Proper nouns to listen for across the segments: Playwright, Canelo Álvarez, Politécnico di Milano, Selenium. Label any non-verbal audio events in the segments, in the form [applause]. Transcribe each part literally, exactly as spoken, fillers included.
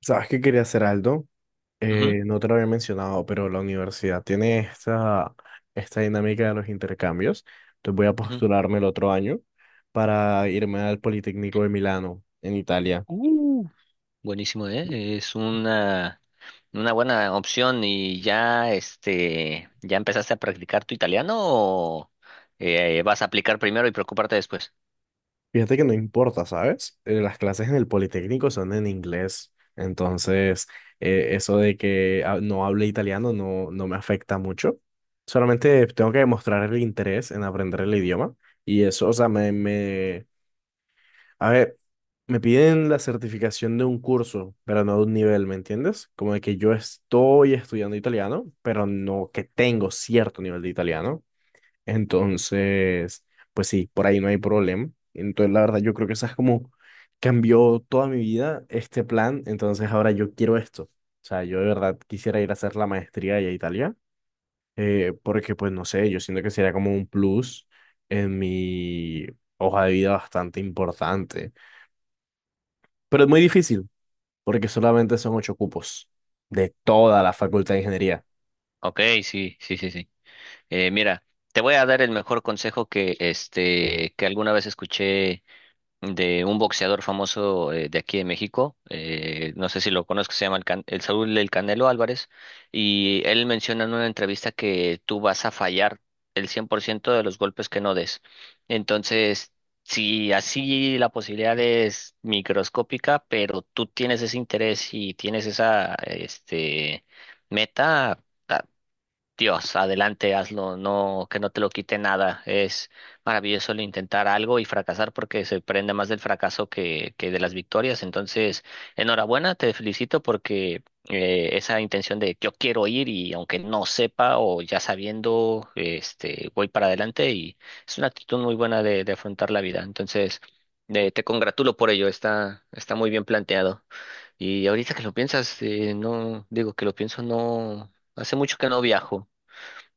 ¿Sabes qué quería hacer, Aldo? Ujú, Eh, no te lo había mencionado, pero la universidad tiene esta, esta dinámica de los intercambios. Entonces voy a ujú. postularme el otro año para irme al Politécnico de Milano, en Italia. Uh, buenísimo, ¿eh? Es una, una buena opción. ¿Y ya, este, ya empezaste a practicar tu italiano o eh, vas a aplicar primero y preocuparte después? Fíjate que no importa, ¿sabes? Eh, las clases en el Politécnico son en inglés. Entonces, eh, eso de que ah, no hable italiano no, no me afecta mucho. Solamente tengo que demostrar el interés en aprender el idioma. Y eso, o sea, me, me a ver, me piden la certificación de un curso, pero no de un nivel, ¿me entiendes? Como de que yo estoy estudiando italiano, pero no que tengo cierto nivel de italiano. Entonces, pues sí, por ahí no hay problema. Entonces, la verdad, yo creo que esa es como cambió toda mi vida este plan. Entonces, ahora yo quiero esto. O sea, yo de verdad quisiera ir a hacer la maestría allá a Italia, eh, porque pues no sé, yo siento que sería como un plus en mi hoja de vida bastante importante. Pero es muy difícil, porque solamente son ocho cupos de toda Ah, la Facultad de Ingeniería. ok, sí, sí, sí, sí. Eh, mira, te voy a dar el mejor consejo que, este, que alguna vez escuché de un boxeador famoso eh, de aquí de México, eh, no sé si lo conozco, se llama el, Can- el Saúl del Canelo Álvarez, y él menciona en una entrevista que tú vas a fallar el cien por ciento de los golpes que no des. Entonces, si así la posibilidad es microscópica, pero tú tienes ese interés y tienes esa este, meta, ah, Dios, adelante, hazlo, no, que no te lo quite nada. Es maravilloso el intentar algo y fracasar porque se prende más del fracaso que, que de las victorias. Entonces, enhorabuena, te felicito porque eh, esa intención de yo quiero ir y aunque no sepa o ya sabiendo, este, voy para adelante y es una actitud muy buena de, de afrontar la vida. Entonces, eh, te congratulo por ello, está, está muy bien planteado. Y ahorita que lo piensas, eh, no, digo que lo pienso, no, hace mucho que no viajo.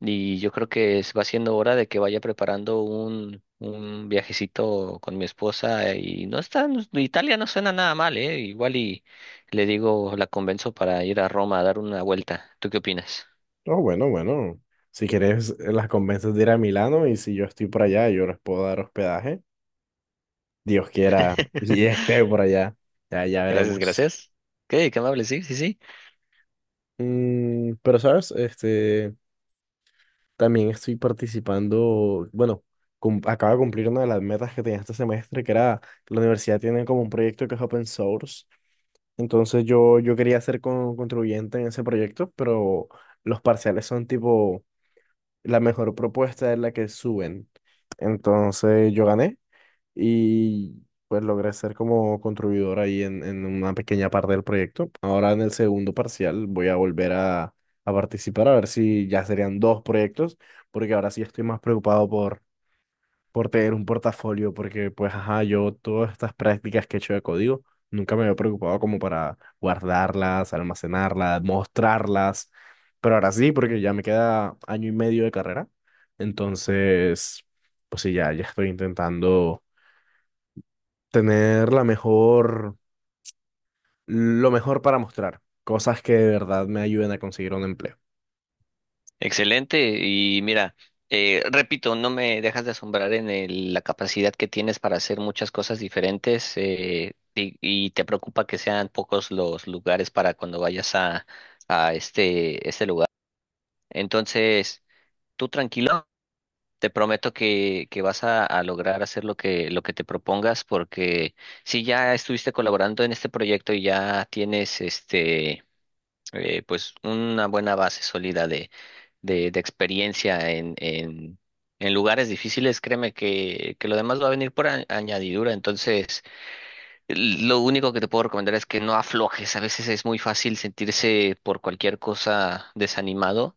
Y yo creo que es- va siendo hora de que vaya preparando un, un viajecito con mi esposa y no está, no- Italia no suena nada mal, ¿eh? Igual y le digo, la convenzo para ir a Roma a dar una vuelta. ¿Tú qué opinas? Oh, bueno, bueno. Si quieres, eh, las convences de ir a Milano y si yo estoy por allá, yo les puedo dar hospedaje. Dios quiera [laughs] y [laughs] esté por allá. Ya, ya Gracias, veremos. gracias. Ok, qué amable, sí, sí, sí. Mm, pero, ¿sabes? Este, también estoy participando, bueno, cum- acabo de cumplir una de las metas que tenía este semestre, que era la universidad tiene como un proyecto que es open source. Entonces yo, yo quería ser con- contribuyente en ese proyecto, pero los parciales son tipo, la mejor propuesta es la que suben. Entonces yo gané y pues logré ser como contribuidor ahí en, en una pequeña parte del proyecto. Ahora en el segundo parcial voy a volver a, a participar a ver si ya serían dos proyectos, porque ahora sí estoy más preocupado por por tener un portafolio, porque pues, ajá, yo todas estas prácticas que he hecho de código, nunca me había preocupado como para guardarlas, almacenarlas, mostrarlas, pero ahora sí, porque ya me queda año y medio de carrera, entonces, pues sí, ya, ya estoy intentando tener la mejor, lo mejor para mostrar, cosas que de verdad me ayuden a conseguir un empleo. Excelente. Y mira, eh, repito, no me dejas de asombrar en el- la capacidad que tienes para hacer muchas cosas diferentes, eh, y, y te preocupa que sean pocos los lugares para cuando vayas a, a este, este lugar. Entonces, tú tranquilo, te prometo que, que vas a, a lograr hacer lo que, lo que te propongas porque si ya estuviste colaborando en este proyecto y ya tienes este, eh, pues una buena base sólida de, de experiencia en, en, en lugares difíciles, créeme que, que lo demás va a venir por a- añadidura. Entonces, l- lo único que te puedo recomendar es que no aflojes. A veces es muy fácil sentirse por cualquier cosa desanimado.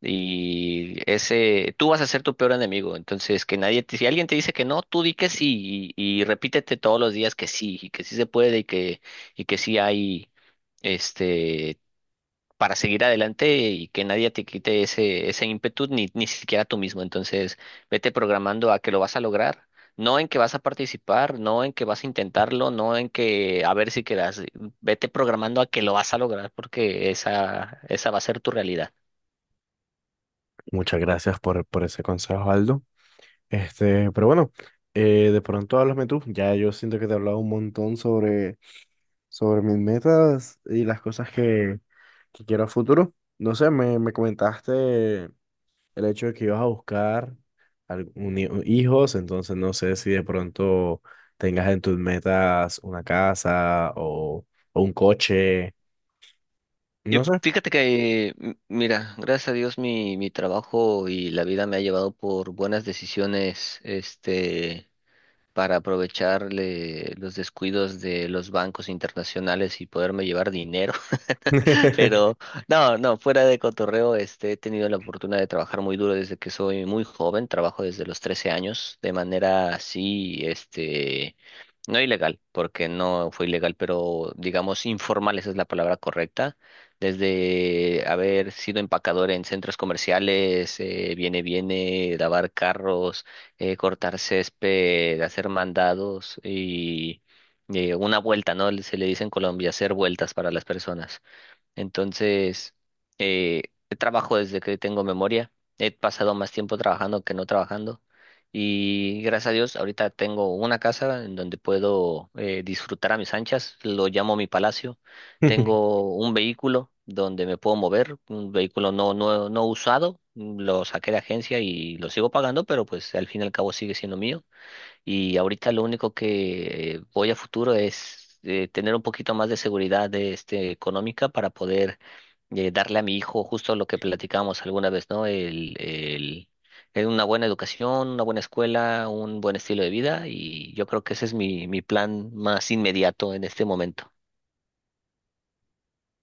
Y ese, tú vas a ser tu peor enemigo. Entonces, que nadie te, si alguien te dice que no, tú di que sí y, y repítete todos los días que sí, y que sí se puede y que, y que sí hay, este, para seguir adelante y que nadie te quite ese, ese ímpetu, ni, ni siquiera tú mismo. Entonces, vete programando a que lo vas a lograr, no en que vas a participar, no en que vas a intentarlo, no en que a ver si quedas, vete programando a que lo vas a lograr porque esa, esa va a ser tu realidad. Muchas gracias por, por ese consejo, Aldo. Este, pero bueno, eh, de pronto háblame tú. Ya yo siento que te he hablado un montón sobre, sobre mis metas y las cosas que, que quiero a futuro. No sé, me, me comentaste el hecho de que ibas a buscar algún hi- hijos, entonces no sé si de pronto tengas en tus metas una casa o, o un coche, no Y sé. fíjate que, m- mira, gracias a Dios mi, mi trabajo y la vida me ha llevado por buenas decisiones, este, para aprovechar le- los descuidos de los bancos internacionales y poderme llevar dinero. [laughs] Pero no, no, fuera de cotorreo, este, he tenido la fortuna de trabajar muy duro desde que soy muy joven, trabajo desde los trece años de manera así, este, no ilegal, porque no fue ilegal, pero digamos informal, esa es la palabra correcta, desde haber sido empacador en centros comerciales, eh, viene, viene, lavar carros, eh, cortar césped, hacer mandados y eh, una vuelta, ¿no? Se le dice en Colombia, hacer vueltas para las personas. Entonces, eh, trabajo desde que tengo memoria. He pasado más tiempo trabajando que no trabajando. Y gracias a Dios, ahorita tengo una casa en donde puedo eh, disfrutar a mis anchas. Lo llamo mi palacio. [laughs] Tengo un vehículo donde me puedo mover, un vehículo no, no, no usado. Lo saqué de agencia y lo sigo pagando, pero pues al fin y al cabo sigue siendo mío. Y ahorita lo único que, eh, voy a futuro es, eh, tener un poquito más de seguridad, este, económica, para poder eh, darle a mi hijo justo lo que platicábamos alguna vez, ¿no? El, el, el una buena educación, una buena escuela, un buen estilo de vida y yo creo que ese es mi, mi plan más inmediato en este momento.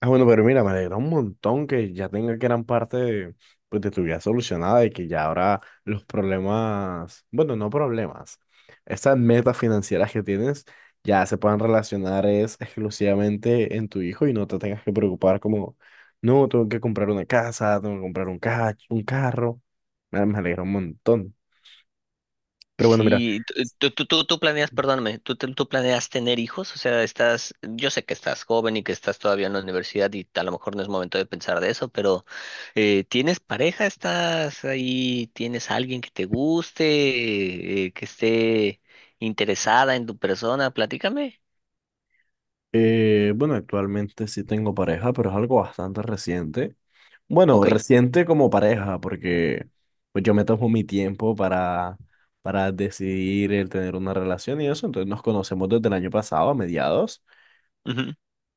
Ah, bueno, pero mira, me alegra un montón que ya tenga gran parte de, pues, de tu vida solucionada y que ya ahora los problemas, bueno, no problemas, estas metas financieras que tienes ya se puedan relacionar es exclusivamente en tu hijo y no te tengas que preocupar como, no, tengo que comprar una casa, tengo que comprar un ca- un carro. Me me alegra un montón. Pero bueno, mira. Sí, t- eh, tú, tú, tú, tú planeas, perdóname, ¿tú, te- tú planeas tener hijos? O sea, estás, yo sé que estás joven y que estás todavía en la universidad y a lo mejor no es momento de pensar de eso, pero eh, ¿tienes pareja? ¿Estás ahí? ¿Tienes alguien que te guste, eh, que esté interesada en tu persona? Platícame. Eh, bueno, actualmente sí tengo pareja, pero es algo bastante reciente. Bueno, Ok. reciente como pareja, porque pues yo me tomo mi tiempo para, para decidir el tener una relación y eso. Entonces nos conocemos desde el año pasado, a mediados.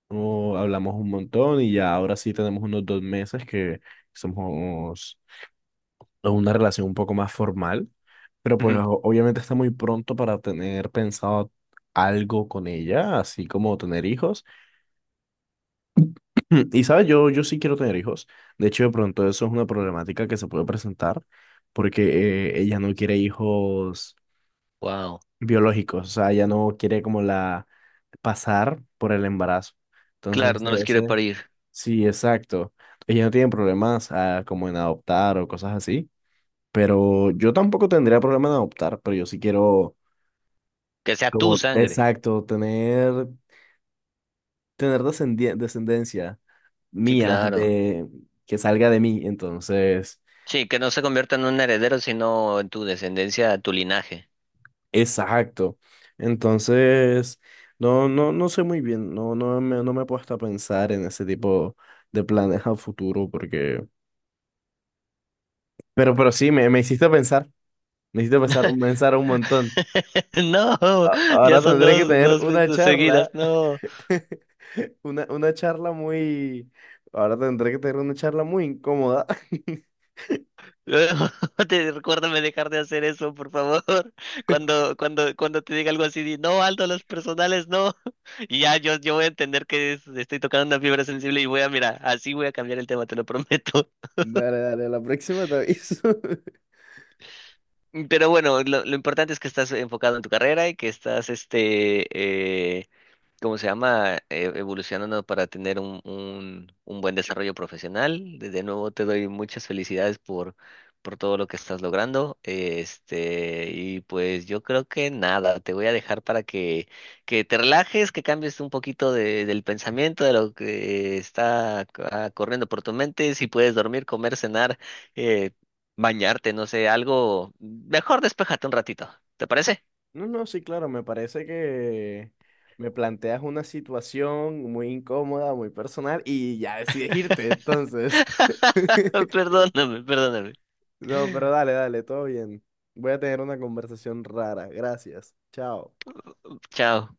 No, hablamos un montón y ya ahora sí tenemos unos dos meses que somos en una relación un poco más formal. Pero pues o- obviamente está muy pronto para tener pensado algo con ella, así como tener hijos. [clears throat] Mm, y sabes, yo, yo sí quiero tener hijos. De hecho, de pronto eso es una problemática que se puede presentar porque eh, ella no quiere hijos Wow. biológicos, o sea, ella no quiere como la pasar por el embarazo. Entonces, Claro, no ese, los quiere ese- parir. sí, exacto. Ella no tiene problemas ah, como en adoptar o cosas así, pero yo tampoco tendría problema en adoptar, pero yo sí quiero Que sea tu como, sangre. exacto, tener, tener descendi- descendencia Sí, mía claro. de que salga de mí, entonces Sí, que no se convierta en un heredero, sino en tu descendencia, tu linaje. exacto. Entonces, no, no, no sé muy bien, no, no me, no me he puesto a pensar en ese tipo de planes a futuro porque, pero, pero sí, me, me hiciste pensar, me hiciste pensar, pensar un montón. [laughs] No, A- ya Ahora son tendré que dos, tener dos una veces charla, seguidas, no. [laughs] una, una charla muy, ahora tendré que tener una charla muy incómoda. [laughs] [laughs] Te, recuérdame dejar de hacer eso, por favor. [laughs] Cuando, cuando, cuando te diga algo así, di, no, Aldo, los personales, no. [laughs] Y ya yo, yo voy a entender que es- estoy tocando una fibra sensible y voy a, mira, así voy a cambiar el tema, te lo [laughs] prometo. Dale, dale, a la próxima te aviso. [laughs] Pero bueno, lo, lo importante es que estás enfocado en tu carrera y que estás, este, eh, ¿cómo se llama? eh, evolucionando, para tener un, un, un buen desarrollo profesional. De de nuevo te doy muchas felicidades por, por todo lo que estás logrando. eh, Este, y pues yo creo que nada, te voy a dejar para que, que te relajes, que cambies un poquito de- del pensamiento, de lo que está, ah, corriendo por tu mente. Si puedes dormir, comer, cenar, eh, bañarte, no sé, algo. Mejor despéjate un ratito. ¿Te parece? No, no, sí, claro, me parece que me planteas una situación muy incómoda, muy personal y ya decides irte, entonces. [laughs] [laughs] Perdóname, perdóname. No, pero dale, dale, todo bien. Voy a tener una conversación rara. Gracias. Chao. Chao.